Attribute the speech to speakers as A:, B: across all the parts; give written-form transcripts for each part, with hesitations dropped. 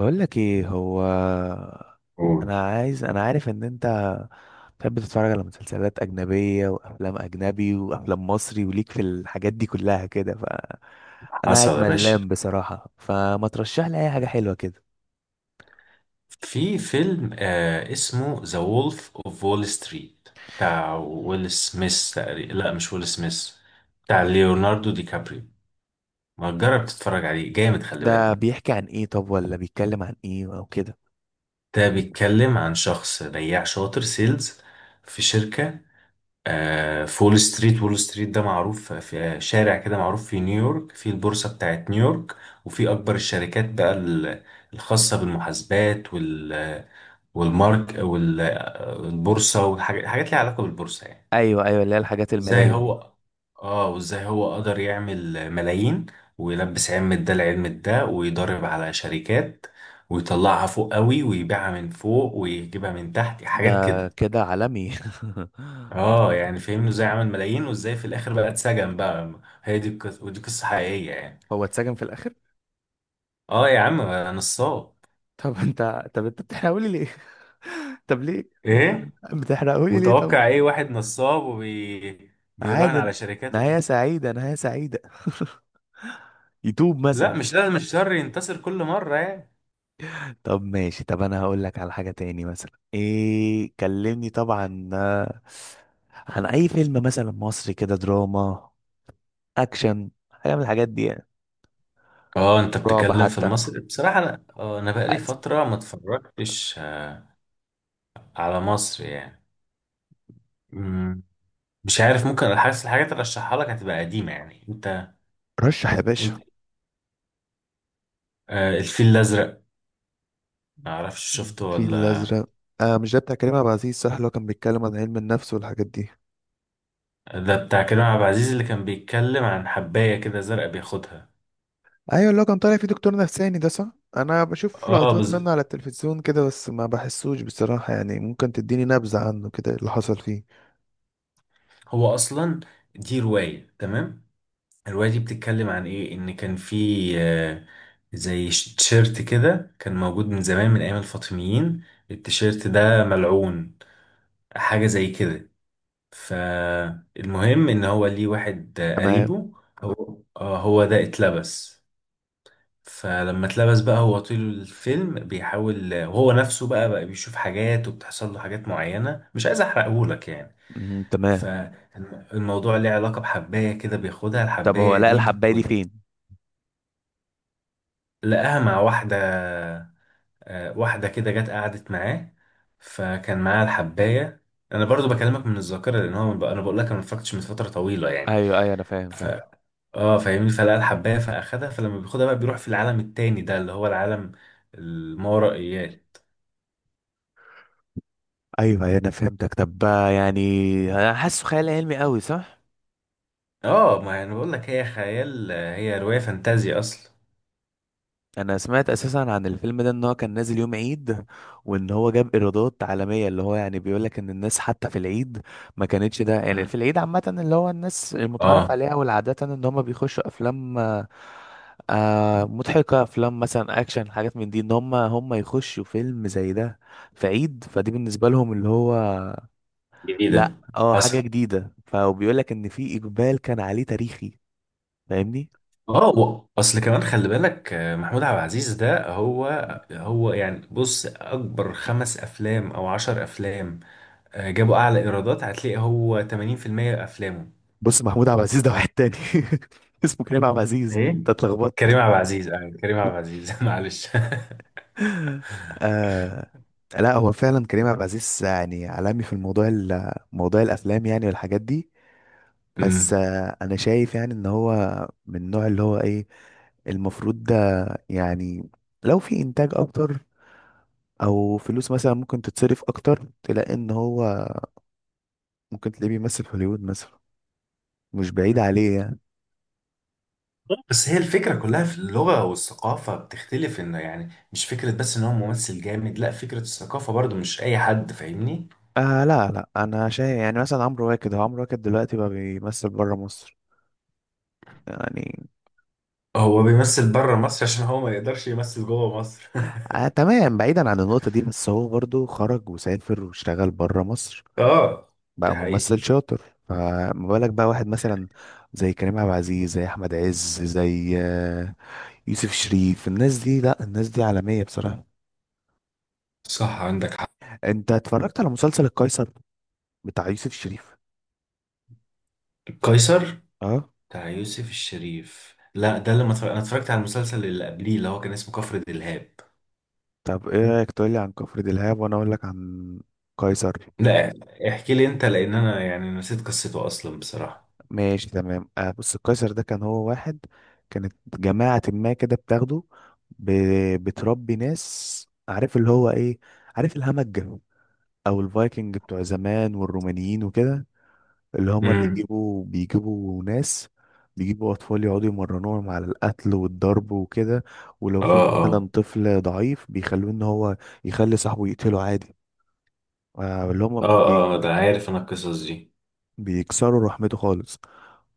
A: بقول لك ايه هو.
B: قول.
A: انا عارف ان انت بتحب تتفرج على مسلسلات اجنبيه وافلام اجنبي وافلام مصري وليك في الحاجات دي كلها كده، ف انا قاعد
B: حصل يا
A: ملام
B: باشا.
A: بصراحه، فما ترشح لي اي حاجه حلوه كده؟
B: في فيلم اسمه ذا وولف اوف وول ستريت، بتاع ويل سميث تقريبا. لا، مش ويل سميث، بتاع ليوناردو دي كابريو. ما تجرب تتفرج عليه، جامد، خلي
A: ده
B: بالك.
A: بيحكي عن ايه؟ طب ولا بيتكلم عن ايه او كده؟
B: ده بيتكلم عن شخص بياع شاطر، سيلز في شركة. في وول ستريت. وول ستريت ده معروف، في شارع كده معروف في نيويورك، في البورصة بتاعت نيويورك. وفي أكبر الشركات بقى، الخاصة بالمحاسبات والمارك والبورصة والحاجات، حاجات ليها علاقة بالبورصة يعني.
A: ايوه، ايوه، اللي هي الحاجات
B: وازاي
A: الماليه دي.
B: هو اه وازاي هو قدر يعمل ملايين، ويلبس علم ده لعلم ده، ويضرب على شركات ويطلعها فوق قوي ويبيعها من فوق ويجيبها من تحت، حاجات
A: ده
B: كده.
A: كده عالمي.
B: اه يعني، فهمنا ازاي عمل ملايين، وازاي في الاخر بقى اتسجن بقى. هي دي القصة، ودي قصة حقيقية يعني.
A: هو اتسجن في الاخر؟
B: اه، يا عم، أنا نصاب.
A: طب انت بتحرقهولي ليه؟ طب ليه يا
B: ايه؟
A: عم بتحرقهولي ليه طب؟
B: متوقع ايه؟ واحد نصاب بيراهن على
A: عادي.
B: شركات.
A: نهاية سعيدة، نهاية سعيدة. يتوب
B: لا،
A: مثلا.
B: مش لازم الشر ينتصر كل مرة يعني.
A: طب ماشي، طب انا هقول لك على حاجة تاني، مثلا ايه، كلمني طبعا. عن اي فيلم مثلا مصري كده، دراما، اكشن، حاجة من الحاجات دي يعني.
B: اه، انت
A: رعب
B: بتتكلم في
A: حتى.
B: المصري؟ بصراحة انا بقالي
A: عايز-
B: فترة ما اتفرجتش على مصر يعني. مم، مش عارف، ممكن حاسس الحاجات اللي ارشحها لك هتبقى قديمة يعني. انت
A: رشح يا باشا.
B: انت آه الفيل الازرق، ما اعرفش شفته
A: الفيل
B: ولا؟
A: الأزرق. آه، مش ده بتاع كريم عبد العزيز صح؟ اللي هو كان بيتكلم عن علم النفس والحاجات دي.
B: ده بتاع كريم عبد العزيز اللي كان بيتكلم عن حباية كده زرقاء بياخدها.
A: ايوه، اللي هو كان طالع فيه دكتور نفساني، ده صح. انا بشوف
B: اه
A: لقطات
B: بز...
A: منه على التلفزيون كده بس ما بحسوش بصراحة يعني. ممكن تديني نبذة عنه كده اللي حصل فيه؟
B: هو اصلا، دي رواية، تمام. الرواية دي بتتكلم عن ايه؟ ان كان في آه، زي تيشيرت كده كان موجود من زمان، من ايام الفاطميين. التيشيرت ده ملعون، حاجة زي كده. فالمهم ان هو ليه واحد
A: تمام.
B: قريبه. هو ده اتلبس. فلما اتلبس بقى، هو طول الفيلم بيحاول، وهو نفسه بقى بيشوف حاجات، وبتحصل له حاجات معينة. مش عايز احرقهولك يعني.
A: تمام.
B: فالموضوع ليه علاقة بحباية كده، بياخدها
A: طب هو
B: الحباية
A: لقى
B: دي.
A: الحبايه دي فين؟
B: لقاها مع واحدة، واحدة كده جت قعدت معاه، فكان معاها الحباية. أنا برضو بكلمك من الذاكرة، لأن هو، أنا بقول لك، أنا ما اتفرجتش من فترة طويلة يعني.
A: ايوه ايوه انا فاهم
B: ف
A: فاهم.
B: اه فاهمني. فلقى الحباية فأخدها. فلما بياخدها بقى، بيروح في العالم التاني، ده اللي هو العالم الماورائيات.
A: ايوه ايوه انا فهمتك. طب يعني انا حاسه خيال علمي قوي، صح؟
B: اه، ما أنا بقول لك، هي خيال، هي رواية فانتازيا أصلا.
A: انا سمعت اساسا عن الفيلم ده ان هو كان نازل يوم عيد، وان هو جاب ايرادات عالميه، اللي هو يعني بيقول لك ان الناس حتى في العيد ما كانتش، ده يعني
B: مم.
A: في العيد عامه، اللي هو الناس المتعارف
B: اه،
A: عليها والعاده ان هم بيخشوا افلام مضحكه، افلام مثلا اكشن، حاجات من دي، ان هم يخشوا فيلم زي ده في عيد، فدي بالنسبه لهم اللي هو لا،
B: جديدة.
A: اه، حاجه
B: حصل.
A: جديده. فبيقول لك ان في اقبال كان عليه تاريخي، فاهمني.
B: اه، اصل كمان، خلي بالك، محمود عبد العزيز ده، هو يعني بص، اكبر خمس افلام او عشر افلام، جابوا اعلى ايرادات، هتلاقي هو 80% افلامه.
A: بص، محمود عبد العزيز ده واحد تاني، اسمه كريم عبد العزيز،
B: ايه؟
A: انت اتلخبطت.
B: كريم عبد العزيز. آه، كريم عبد العزيز، معلش.
A: آه، لا، هو فعلا كريم عبد العزيز يعني عالمي في الموضوع، موضوع الافلام يعني والحاجات دي. بس
B: أمم.
A: آه، انا شايف يعني ان هو من النوع اللي هو ايه، المفروض ده يعني، لو في انتاج اكتر، او فلوس مثلا ممكن تتصرف اكتر، تلاقي ان هو ممكن تلاقيه بيمثل في هوليوود مثلا، مش بعيد عليه يعني.
B: بس هي الفكرة كلها في اللغة والثقافة بتختلف، انه يعني مش فكرة بس ان هو ممثل جامد، لا، فكرة الثقافة برضو، مش اي حد فاهمني.
A: آه لا لا، انا شايف يعني مثلا عمرو واكد، هو عمرو واكد دلوقتي بقى بيمثل بره مصر يعني.
B: هو بيمثل بره مصر عشان هو ما يقدرش يمثل جوه مصر.
A: آه تمام، بعيدا عن النقطة دي بس هو برضو خرج وسافر واشتغل بره مصر.
B: اه، دي
A: بقى
B: حقيقة.
A: ممثل شاطر. فما بالك بقى واحد مثلا زي كريم عبد العزيز، زي أحمد عز، زي يوسف شريف. الناس دي لا، الناس دي عالمية بصراحة.
B: صح، عندك حق.
A: انت اتفرجت على مسلسل القيصر بتاع يوسف شريف؟
B: قيصر.
A: اه.
B: بتاع يوسف الشريف؟ لا، ده اللي ما انا اتفرجت على المسلسل اللي قبليه، اللي هو كان اسمه كفر دلهاب.
A: طب ايه رأيك تقولي عن كفر دلهاب وانا اقول لك عن قيصر؟
B: لا، احكي لي انت، لان انا يعني نسيت قصته اصلا بصراحة.
A: ماشي تمام. آه بص، القيصر ده كان هو واحد، كانت جماعة ما كده بتاخده، ب... بتربي ناس، عارف اللي هو ايه، عارف الهمج، او الفايكنج بتوع زمان والرومانيين وكده، اللي هما
B: امم.
A: بيجيبوا، ناس، بيجيبوا اطفال، يقعدوا يمرنوهم على القتل والضرب وكده. ولو
B: اه.
A: في
B: اه.
A: مثلا طفل ضعيف بيخلوه ان هو يخلي صاحبه يقتله عادي. آه اللي
B: اه. اه. ده عارف، انا القصص دي.
A: بيكسروا رحمته خالص.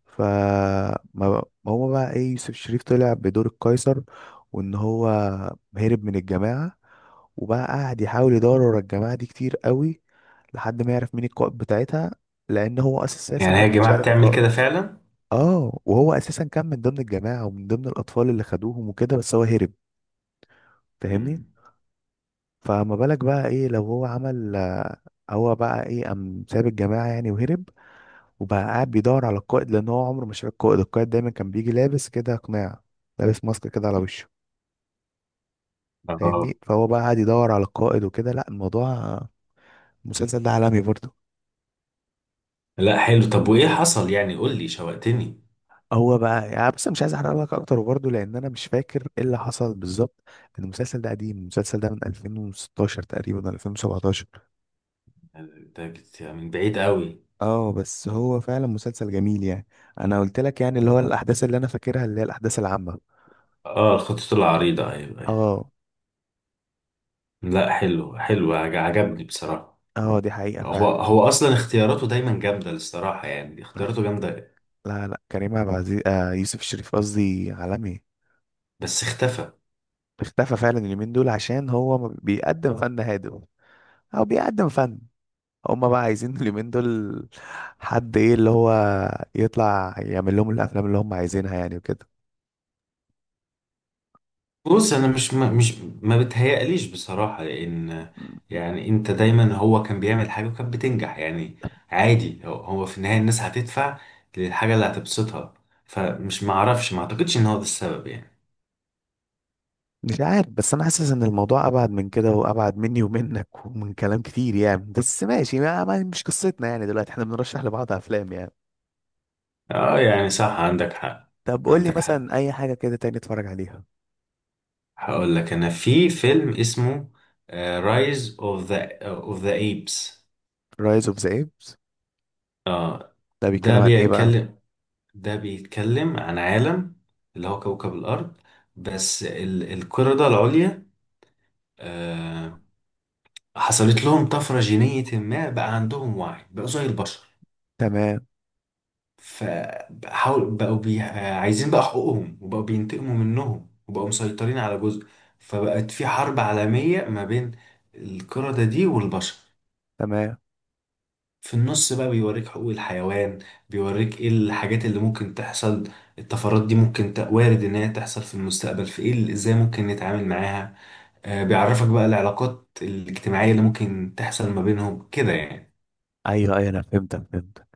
A: فما ما ما هو بقى ايه، يوسف شريف طلع بدور القيصر، وان هو هرب من الجماعة وبقى قاعد يحاول يدور ورا الجماعة دي كتير قوي، لحد ما يعرف مين القائد بتاعتها، لان هو اساسا
B: يعني هي
A: ما
B: يا
A: كانش
B: جماعة
A: عارف
B: بتعمل
A: القائد.
B: كده فعلا؟
A: اه وهو اساسا كان من ضمن الجماعة ومن ضمن الاطفال اللي خدوهم وكده، بس هو هرب، فاهمني.
B: امم.
A: فما بالك بقى ايه لو هو عمل، هو بقى ايه قام ساب الجماعة يعني وهرب، وبقى قاعد بيدور على القائد، لان هو عمره ما شاف القائد، القائد دايما كان بيجي لابس كده قناع، لابس ماسك كده على وشه،
B: اه.
A: فاهمني. فهو بقى قاعد يدور على القائد وكده. لا، الموضوع، المسلسل ده عالمي برضه.
B: لا، حلو. طب وايه حصل يعني؟ قول لي، شوقتني.
A: هو بقى يعني بس مش عايز احرق لك اكتر برضه، لان انا مش فاكر ايه اللي حصل بالظبط، لأن المسلسل ده قديم، المسلسل ده من 2016 تقريبا، 2017.
B: من بعيد قوي.
A: اه بس هو فعلا مسلسل جميل يعني. انا قلت لك يعني اللي هو الاحداث اللي انا فاكرها اللي هي الاحداث العامة.
B: اه، الخطوط العريضة، ايوه، أيوة.
A: اه.
B: لا، حلو حلو. عجبني بصراحة.
A: اه دي حقيقة
B: هو
A: فعلا.
B: هو اصلا اختياراته دايما جامده، الصراحه يعني، اختياراته جامده.
A: لا لا، كريم عبد العزيز، آه يوسف الشريف قصدي، عالمي.
B: بس اختفى.
A: اختفى فعلا اليومين دول عشان هو ما بيقدم فن هادف، او بيقدم فن، هما بقى عايزين اليومين دول حد ايه اللي هو يطلع يعمل لهم الافلام اللي هم عايزينها يعني وكده.
B: بص، انا مش ما بتهيأليش بصراحه، لان يعني، انت دايما هو كان بيعمل حاجه وكانت بتنجح يعني. عادي، هو في النهايه الناس هتدفع للحاجه اللي هتبسطها. فمش معرفش، ما اعتقدش ان هو ده السبب يعني.
A: مش عارف، بس انا حاسس ان الموضوع ابعد من كده، وابعد مني ومنك ومن كلام كتير يعني، بس ماشي، مش قصتنا يعني دلوقتي احنا بنرشح لبعض افلام يعني.
B: اه يعني، صح، عندك حق،
A: طب قول لي
B: عندك حق.
A: مثلا اي حاجه كده تاني اتفرج عليها.
B: هقول لك، انا في فيلم اسمه رايز اوف ذا ايبس.
A: رايز اوف ذا ايبس.
B: اه، Rise of the Apes.
A: ده
B: ده
A: بيتكلم عن ايه بقى؟
B: بيتكلم ده بيتكلم عن عالم، اللي هو كوكب الأرض، بس القردة العليا آه، حصلت لهم طفرة جينية، ما بقى عندهم وعي، بقوا زي البشر.
A: تمام.
B: فحاول بقوا بي... آه، عايزين بقى حقوقهم، وبقوا بينتقموا منهم، وبقوا مسيطرين على جزء. فبقت في حرب عالمية ما بين القردة دي والبشر.
A: تمام.
B: في النص بقى بيوريك حقوق الحيوان، بيوريك ايه الحاجات اللي ممكن تحصل. الطفرات دي ممكن وارد ان هي تحصل في المستقبل، ازاي ممكن نتعامل معاها. آه، بيعرفك بقى العلاقات الاجتماعية اللي ممكن تحصل ما بينهم كده يعني.
A: ايوه ايوه انا فهمتك فهمتك.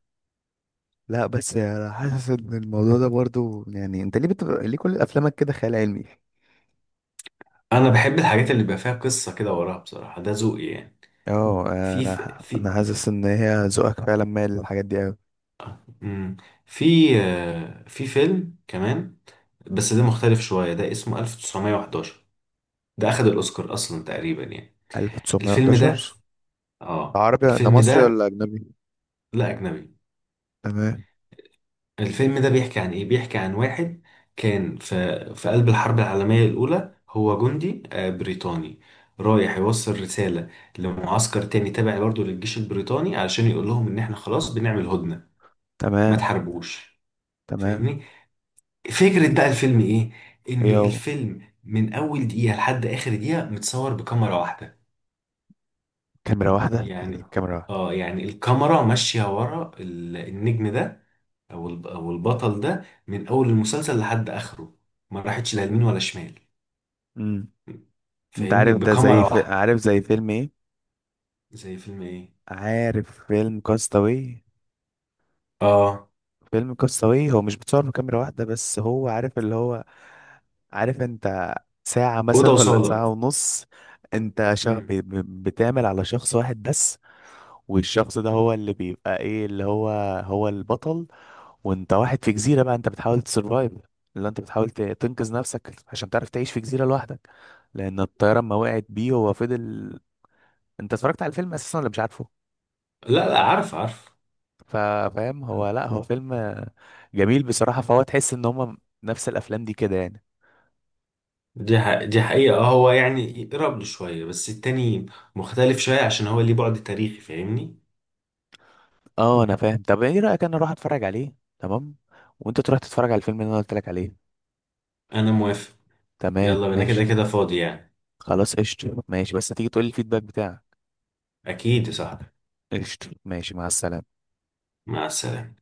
A: لا بس انا حاسس ان الموضوع ده برضو يعني انت ليه بتبقى، ليه كل افلامك كده خيال علمي؟
B: انا بحب الحاجات اللي بيبقى فيها قصة كده وراها بصراحة، ده ذوقي يعني.
A: اه.
B: في في
A: انا
B: في
A: انا حاسس ان هي ذوقك فعلا مايل للحاجات دي قوي.
B: مم، في آه، في فيلم كمان، بس ده مختلف شوية، ده اسمه 1911. ده اخد الاوسكار اصلا تقريبا يعني. الفيلم ده
A: 1911.
B: اه
A: عربي ده؟
B: الفيلم
A: مصري
B: ده،
A: ولا اجنبي؟
B: لا، أجنبي.
A: تمام.
B: الفيلم ده بيحكي عن إيه؟ بيحكي عن واحد كان في قلب الحرب العالمية الأولى. هو جندي بريطاني، رايح يوصل رسالة لمعسكر تاني تابع برضه للجيش البريطاني، علشان يقول لهم إن إحنا خلاص بنعمل هدنة، ما
A: تمام.
B: تحاربوش.
A: تمام.
B: فاهمني؟ فكرة بقى الفيلم إيه؟ إن
A: يو،
B: الفيلم من أول دقيقة لحد آخر دقيقة متصور بكاميرا واحدة.
A: كاميرا واحدة؟
B: يعني
A: يعني كاميرا واحدة؟
B: يعني الكاميرا ماشية ورا النجم ده، او البطل ده من اول المسلسل لحد اخره، ما راحتش لا يمين ولا شمال.
A: امم. انت
B: فاهمني؟
A: عارف ده
B: بكاميرا
A: زي في...
B: واحده.
A: عارف زي فيلم ايه؟
B: زي فيلم ايه؟
A: عارف فيلم كاستاوي.
B: اه.
A: فيلم كاستاوي هو مش بتصور بكاميرا واحدة بس، هو عارف اللي هو، عارف انت ساعة
B: اوضه
A: مثلا ولا
B: وصاله.
A: ساعة ونص، انت
B: مم.
A: بتعمل على شخص واحد بس. والشخص ده هو اللي بيبقى ايه اللي هو، هو البطل، وانت واحد في جزيرة بقى، انت بتحاول تسرفايف، اللي انت بتحاول تنقذ نفسك عشان تعرف تعيش في جزيرة لوحدك، لان الطيارة ما وقعت بيه، هو فضل. انت اتفرجت على الفيلم اساسا ولا مش عارفه؟
B: لا، لا، عارف، عارف.
A: ف- فاهم، هو لا، هو فيلم جميل بصراحة، فهو تحس ان هما نفس الافلام دي كده يعني.
B: دي دي حقيقه، هو يعني يقرب له شويه، بس التاني مختلف شويه عشان هو ليه بعد تاريخي، فاهمني.
A: اه انا فاهم. طب ايه رايك انا اروح اتفرج عليه؟ تمام. وانت تروح تتفرج على الفيلم اللي انا قلت لك عليه.
B: انا موافق.
A: تمام
B: يلا، انا كده
A: ماشي.
B: كده فاضي يعني.
A: خلاص قشطة، ماشي، بس تيجي تقول لي الفيدباك بتاعك.
B: اكيد يا صاحبي.
A: قشطة، ماشي، مع السلامه.
B: مع السلامه.